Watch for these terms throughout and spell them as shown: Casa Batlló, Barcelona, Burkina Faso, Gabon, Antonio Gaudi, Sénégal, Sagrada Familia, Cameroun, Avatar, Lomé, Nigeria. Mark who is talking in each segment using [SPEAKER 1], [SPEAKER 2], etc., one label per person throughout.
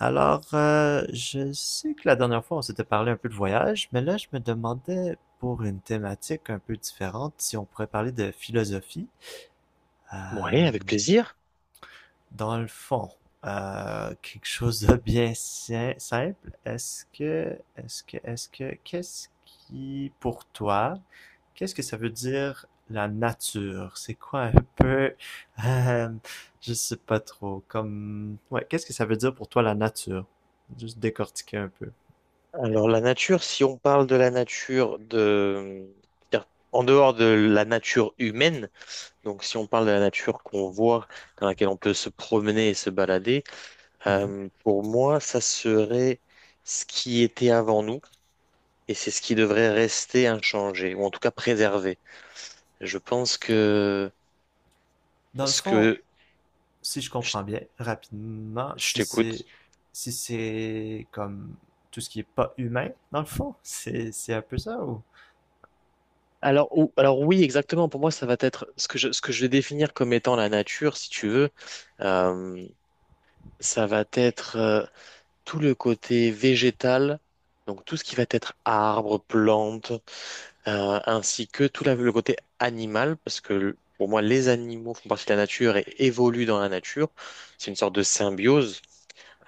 [SPEAKER 1] Alors, je sais que la dernière fois, on s'était parlé un peu de voyage, mais là, je me demandais pour une thématique un peu différente si on pourrait parler de philosophie.
[SPEAKER 2] Oui,
[SPEAKER 1] Euh,
[SPEAKER 2] avec plaisir.
[SPEAKER 1] Dans le fond, quelque chose de bien simple. Est-ce que, est-ce que, est-ce que, qu'est-ce qui, pour toi, qu'est-ce que ça veut dire la nature? C'est quoi un peu, euh, je sais pas trop, comme, ouais, qu'est-ce que ça veut dire pour toi la nature? Juste décortiquer un peu.
[SPEAKER 2] Alors la nature, si on parle de la nature de c'est-à-dire en dehors de la nature humaine, donc si on parle de la nature qu'on voit, dans laquelle on peut se promener et se balader,
[SPEAKER 1] Mhm.
[SPEAKER 2] pour moi, ça serait ce qui était avant nous et c'est ce qui devrait rester inchangé ou en tout cas préservé. Je pense que
[SPEAKER 1] Dans le
[SPEAKER 2] ce
[SPEAKER 1] fond,
[SPEAKER 2] que
[SPEAKER 1] si je
[SPEAKER 2] je
[SPEAKER 1] comprends bien, rapidement,
[SPEAKER 2] je t'écoute.
[SPEAKER 1] si c'est comme tout ce qui est pas humain, dans le fond, c'est un peu ça ou?
[SPEAKER 2] Alors, alors oui, exactement. Pour moi, ça va être ce que je vais définir comme étant la nature, si tu veux. Ça va être tout le côté végétal, donc tout ce qui va être arbres, plantes, ainsi que le côté animal, parce que pour moi, les animaux font partie de la nature et évoluent dans la nature. C'est une sorte de symbiose.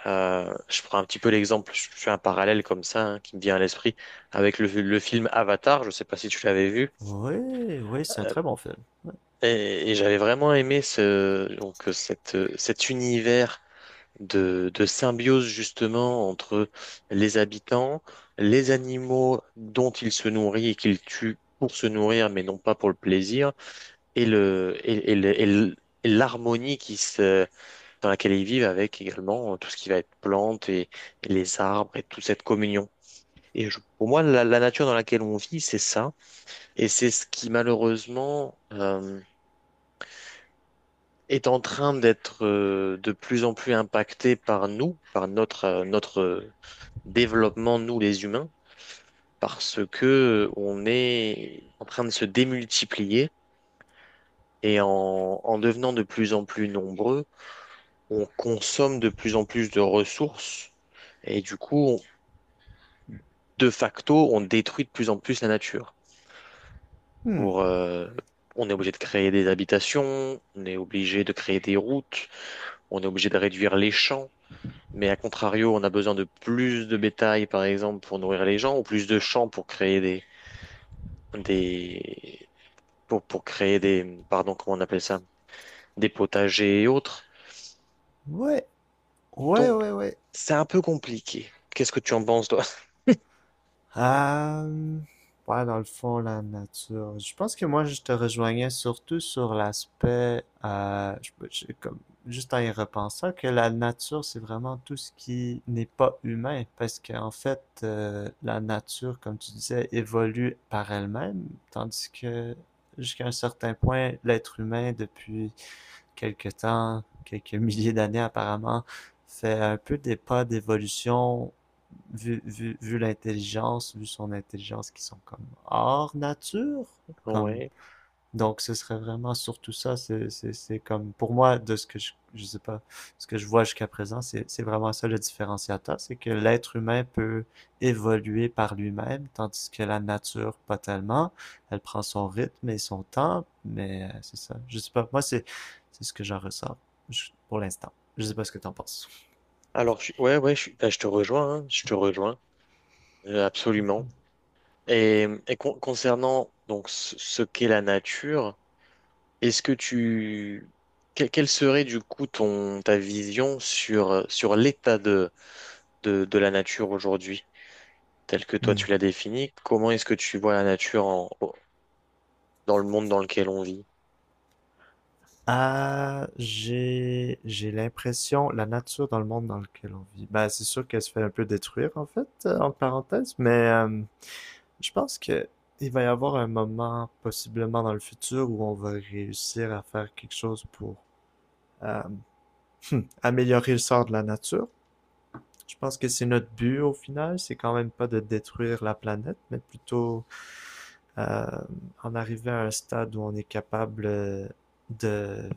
[SPEAKER 2] Je prends un petit peu l'exemple, je fais un parallèle comme ça hein, qui me vient à l'esprit avec le film Avatar. Je ne sais pas si tu l'avais vu.
[SPEAKER 1] Ouais, ouais, c'est un
[SPEAKER 2] Euh,
[SPEAKER 1] très bon film. Ouais.
[SPEAKER 2] et j'avais vraiment aimé ce donc cet univers de symbiose justement entre les habitants, les animaux dont ils se nourrissent et qu'ils tuent pour se nourrir, mais non pas pour le plaisir, et le, et, et le- et l- et l'harmonie dans laquelle ils vivent avec également tout ce qui va être et les arbres et toute cette communion. Pour moi, la nature dans laquelle on vit, c'est ça. Et c'est ce qui, malheureusement, est en train d'être de plus en plus impacté par nous, par notre développement, nous les humains, parce que on est en train de se démultiplier et en devenant de plus en plus nombreux, on consomme de plus en plus de ressources et du coup, de facto, on détruit de plus en plus la nature.
[SPEAKER 1] Hmm.
[SPEAKER 2] Pour, on est obligé de créer des habitations, on est obligé de créer des routes, on est obligé de réduire les champs. Mais à contrario, on a besoin de plus de bétail, par exemple, pour nourrir les gens, ou plus de champs pour créer des, pour créer des, pardon, comment on appelle ça, des potagers et autres.
[SPEAKER 1] Ouais, ouais,
[SPEAKER 2] Donc,
[SPEAKER 1] ouais, ouais.
[SPEAKER 2] c'est un peu compliqué. Qu'est-ce que tu en penses, toi?
[SPEAKER 1] Euh, ouais, dans le fond, la nature. Je pense que moi, je te rejoignais surtout sur l'aspect, comme, juste en y repensant, que la nature, c'est vraiment tout ce qui n'est pas humain, parce qu'en fait, la nature, comme tu disais, évolue par elle-même, tandis que jusqu'à un certain point, l'être humain, depuis quelques temps, quelques milliers d'années apparemment, fait un peu des pas d'évolution vu son intelligence qui sont comme hors nature, comme
[SPEAKER 2] Ouais.
[SPEAKER 1] donc ce serait vraiment surtout ça, c'est comme pour moi de ce que je sais pas, ce que je vois jusqu'à présent, c'est vraiment ça le différenciateur, c'est que l'être humain peut évoluer par lui-même, tandis que la nature pas tellement, elle prend son rythme et son temps, mais c'est ça, je sais pas, c'est ce que j'en ressens pour l'instant, je sais pas ce que t'en penses.
[SPEAKER 2] Alors, ouais, ouais, bah, je te rejoins, hein, je te rejoins, absolument. Concernant donc ce qu'est la nature, est-ce que tu, que- quelle serait du coup ton ta vision sur sur l'état de la nature aujourd'hui, tel que toi
[SPEAKER 1] Hmm.
[SPEAKER 2] tu l'as défini. Comment est-ce que tu vois la nature dans le monde dans lequel on vit?
[SPEAKER 1] Ah, j'ai l'impression, la nature dans le monde dans lequel on vit, ben, c'est sûr qu'elle se fait un peu détruire en fait, en parenthèse, mais je pense que il va y avoir un moment possiblement dans le futur où on va réussir à faire quelque chose pour euh, améliorer le sort de la nature. Je pense que c'est notre but au final, c'est quand même pas de détruire la planète, mais plutôt euh, en arriver à un stade où on est capable de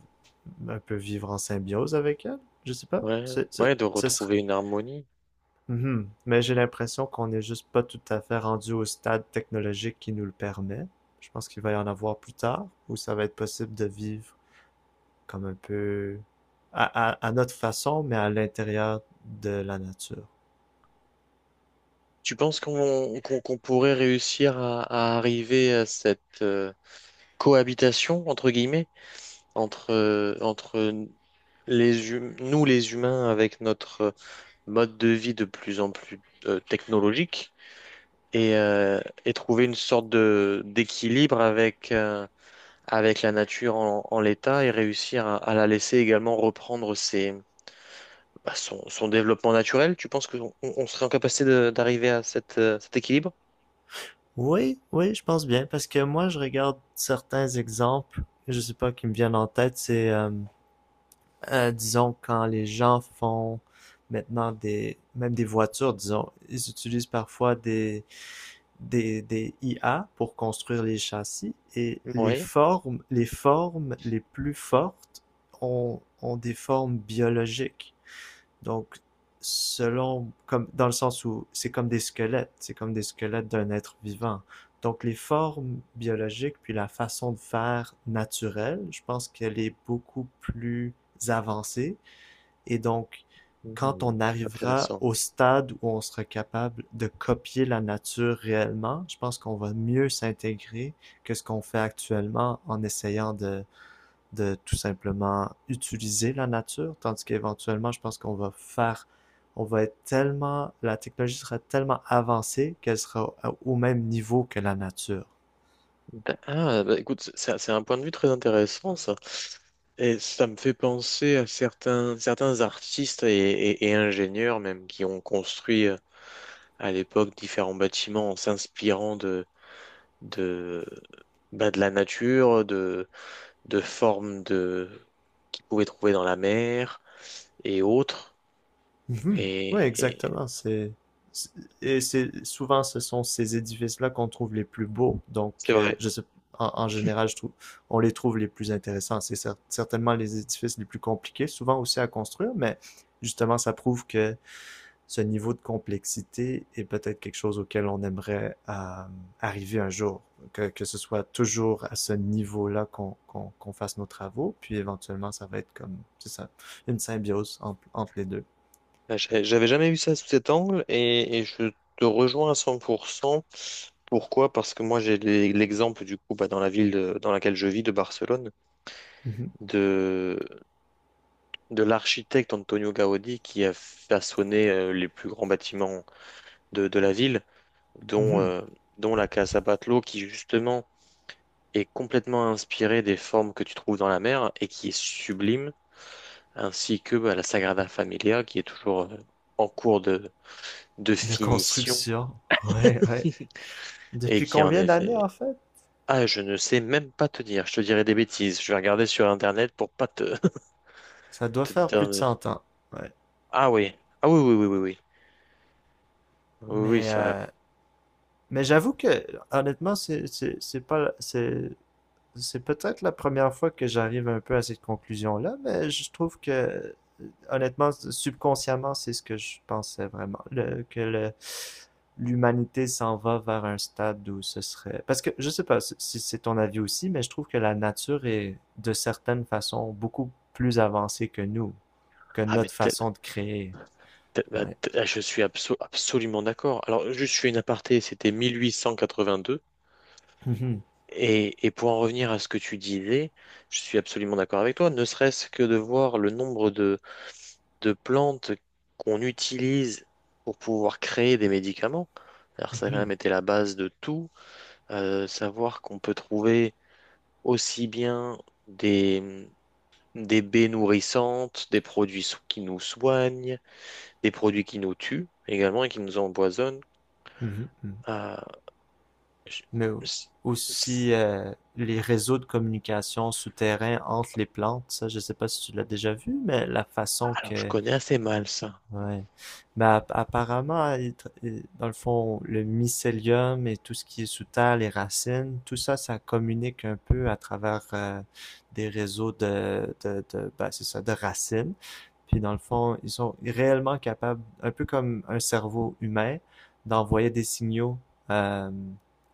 [SPEAKER 1] un peu vivre en symbiose avec elle, je sais pas.
[SPEAKER 2] Ouais, ouais, de
[SPEAKER 1] Ce serait...
[SPEAKER 2] retrouver une harmonie.
[SPEAKER 1] Mhm. Mais j'ai l'impression qu'on n'est juste pas tout à fait rendu au stade technologique qui nous le permet. Je pense qu'il va y en avoir plus tard, où ça va être possible de vivre comme un peu à notre façon, mais à l'intérieur de la nature.
[SPEAKER 2] Tu penses qu'on pourrait réussir à arriver à cette cohabitation, entre guillemets, entre les nous les humains avec notre mode de vie de plus en plus technologique et trouver une sorte de d'équilibre avec, avec la nature en l'état et réussir à la laisser également reprendre bah, son développement naturel, tu penses qu'on on serait en capacité de- d'arriver à cette, cet équilibre?
[SPEAKER 1] Oui, oui, je pense bien, parce que moi, je regarde certains exemples, je sais pas, qui me viennent en tête, disons, quand les gens font maintenant même des voitures, disons, ils utilisent parfois des IA pour construire les châssis et les
[SPEAKER 2] Oui.
[SPEAKER 1] formes les plus fortes ont des formes biologiques. Donc, selon, comme, dans le sens où c'est comme des squelettes, c'est comme des squelettes d'un être vivant. Donc, les formes biologiques, puis la façon de faire naturelle, je pense qu'elle est beaucoup plus avancée et donc, quand
[SPEAKER 2] Mhm.
[SPEAKER 1] on arrivera
[SPEAKER 2] Intéressant.
[SPEAKER 1] au stade où on sera capable de copier la nature réellement, je pense qu'on va mieux s'intégrer que ce qu'on fait actuellement en essayant de tout simplement utiliser la nature, tandis qu'éventuellement, je pense qu'on va faire, on va être tellement, la technologie sera tellement avancée qu'elle sera au même niveau que la nature.
[SPEAKER 2] Ah, bah, écoute, c'est un point de vue très intéressant, ça. Et ça me fait penser à certains artistes et ingénieurs même qui ont construit à l'époque différents bâtiments en s'inspirant de, bah, de la nature, de formes de, qu'ils pouvaient trouver dans la mer et autres.
[SPEAKER 1] Mhm. Oui,
[SPEAKER 2] Et, et
[SPEAKER 1] exactement. C'est- et c'est souvent ce sont ces édifices-là qu'on trouve les plus beaux. Donc,
[SPEAKER 2] c'est vrai.
[SPEAKER 1] je sais, en général, je trouve, on les trouve les plus intéressants. C'est certainement les édifices les plus compliqués, souvent aussi à construire, mais justement, ça prouve que ce niveau de complexité est peut-être quelque chose auquel on aimerait arriver un jour. Que ce soit toujours à ce niveau-là qu'on fasse nos travaux, puis éventuellement, ça va être comme, c'est ça, une symbiose entre, entre les deux.
[SPEAKER 2] Bah, j'avais jamais vu ça sous cet angle et je te rejoins à 100%. Pourquoi? Parce que moi, l'exemple, du coup, bah, dans la ville dans laquelle je vis, de Barcelone, de, de l'architecte Antonio Gaudi qui a façonné les plus grands bâtiments de la ville, dont,
[SPEAKER 1] Mhm.
[SPEAKER 2] euh, dont la Casa Batlló, qui justement est complètement inspirée des formes que tu trouves dans la mer et qui est sublime, ainsi que bah, la Sagrada Familia, qui est toujours en cours de
[SPEAKER 1] De
[SPEAKER 2] finition.
[SPEAKER 1] construction. Ouais, ouais.
[SPEAKER 2] Et
[SPEAKER 1] Depuis
[SPEAKER 2] qui en
[SPEAKER 1] combien d'années en
[SPEAKER 2] effet...
[SPEAKER 1] fait?
[SPEAKER 2] Ah, je ne sais même pas te dire. Je te dirai des bêtises. Je vais regarder sur Internet pour pas te,
[SPEAKER 1] Ça doit
[SPEAKER 2] te
[SPEAKER 1] faire plus de
[SPEAKER 2] dire...
[SPEAKER 1] 100 ans. Ouais.
[SPEAKER 2] Ah oui. Ah oui, oui, oui, oui, oui. Oui, oui,
[SPEAKER 1] Mais,
[SPEAKER 2] ça...
[SPEAKER 1] euh, mais j'avoue que honnêtement, c'est pas c'est c'est peut-être la première fois que j'arrive un peu à cette conclusion-là, mais je trouve que, honnêtement, subconsciemment, c'est ce que je pensais vraiment, l'humanité s'en va vers un stade où ce serait... Parce que, je sais pas si c'est ton avis aussi, mais je trouve que la nature est, de certaines façons, beaucoup plus avancée que nous, que
[SPEAKER 2] Ah, mais
[SPEAKER 1] notre façon de créer. Ouais.
[SPEAKER 2] ah, je suis absolument d'accord. Alors, juste, je fais une aparté. C'était 1882.
[SPEAKER 1] Mhm.
[SPEAKER 2] Pour en revenir à ce que tu disais, je suis absolument d'accord avec toi. Ne serait-ce que de voir le nombre de plantes qu'on utilise pour pouvoir créer des médicaments. Alors, ça a quand
[SPEAKER 1] Mhm.
[SPEAKER 2] même été la base de tout. Savoir qu'on peut trouver aussi bien des, mm, des baies nourrissantes, des produits qui nous soignent, des produits qui nous tuent également et qui nous empoisonnent.
[SPEAKER 1] Mhm. Mhm.
[SPEAKER 2] Ah, je-
[SPEAKER 1] Mais
[SPEAKER 2] c- c-
[SPEAKER 1] aussi les réseaux de communication souterrains entre les plantes. Ça, je sais pas si tu l'as déjà vu, mais la façon
[SPEAKER 2] alors, je
[SPEAKER 1] que
[SPEAKER 2] connais assez mal ça.
[SPEAKER 1] Ouais. Bah, apparemment, dans le fond, le mycélium et tout ce qui est sous terre, les racines, tout ça, ça communique un peu à travers des réseaux de bah, c'est ça, de racines. Puis dans le fond, ils sont réellement capables, un peu comme un cerveau humain, d'envoyer des signaux euh,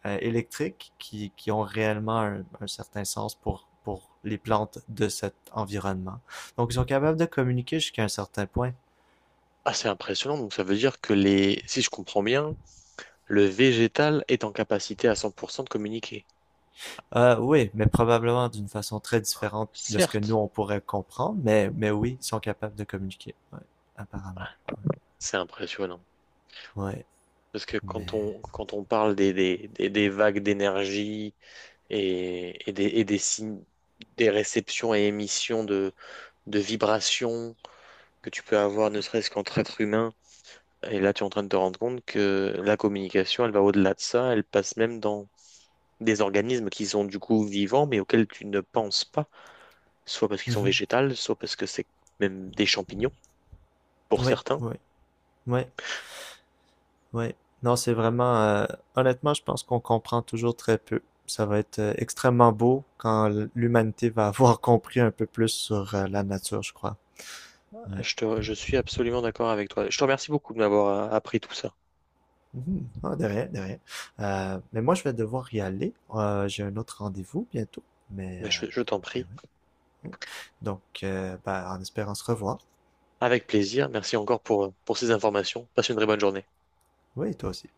[SPEAKER 1] électriques qui ont réellement un certain sens pour les plantes de cet environnement. Donc, ils sont capables de communiquer jusqu'à un certain point.
[SPEAKER 2] Ah, c'est impressionnant. Donc, ça veut dire que les, si je comprends bien, le végétal est en capacité à 100% de communiquer.
[SPEAKER 1] Oui, mais probablement d'une façon très différente de ce que nous
[SPEAKER 2] Certes,
[SPEAKER 1] on pourrait comprendre, mais oui, ils sont capables de communiquer, ouais, apparemment.
[SPEAKER 2] c'est impressionnant.
[SPEAKER 1] Ouais,
[SPEAKER 2] Parce que
[SPEAKER 1] mais.
[SPEAKER 2] quand on parle des vagues d'énergie, et des signes, des réceptions et émissions de vibrations que tu peux avoir, ne serait-ce qu'entre êtres humains. Et là, tu es en train de te rendre compte que la communication, elle va au-delà de ça, elle passe même dans des organismes qui sont du coup vivants, mais auxquels tu ne penses pas, soit parce qu'ils sont
[SPEAKER 1] Mhm.
[SPEAKER 2] végétales, soit parce que c'est même des champignons, pour
[SPEAKER 1] Oui,
[SPEAKER 2] certains.
[SPEAKER 1] oui, oui, oui. Non, c'est vraiment. Honnêtement, je pense qu'on comprend toujours très peu. Ça va être extrêmement beau quand l'humanité va avoir compris un peu plus sur la nature, je crois. Ouais.
[SPEAKER 2] Je suis absolument d'accord avec toi. Je te remercie beaucoup de m'avoir appris tout ça.
[SPEAKER 1] Mhm. Ah, de rien, de rien. Mais moi, je vais devoir y aller. J'ai un autre rendez-vous bientôt, mais. euh,
[SPEAKER 2] Mais je t'en prie,
[SPEAKER 1] Oui. Donc, bah, en espérant se revoir.
[SPEAKER 2] avec plaisir. Merci encore pour ces informations. Passe une très bonne journée.
[SPEAKER 1] Oui, toi aussi.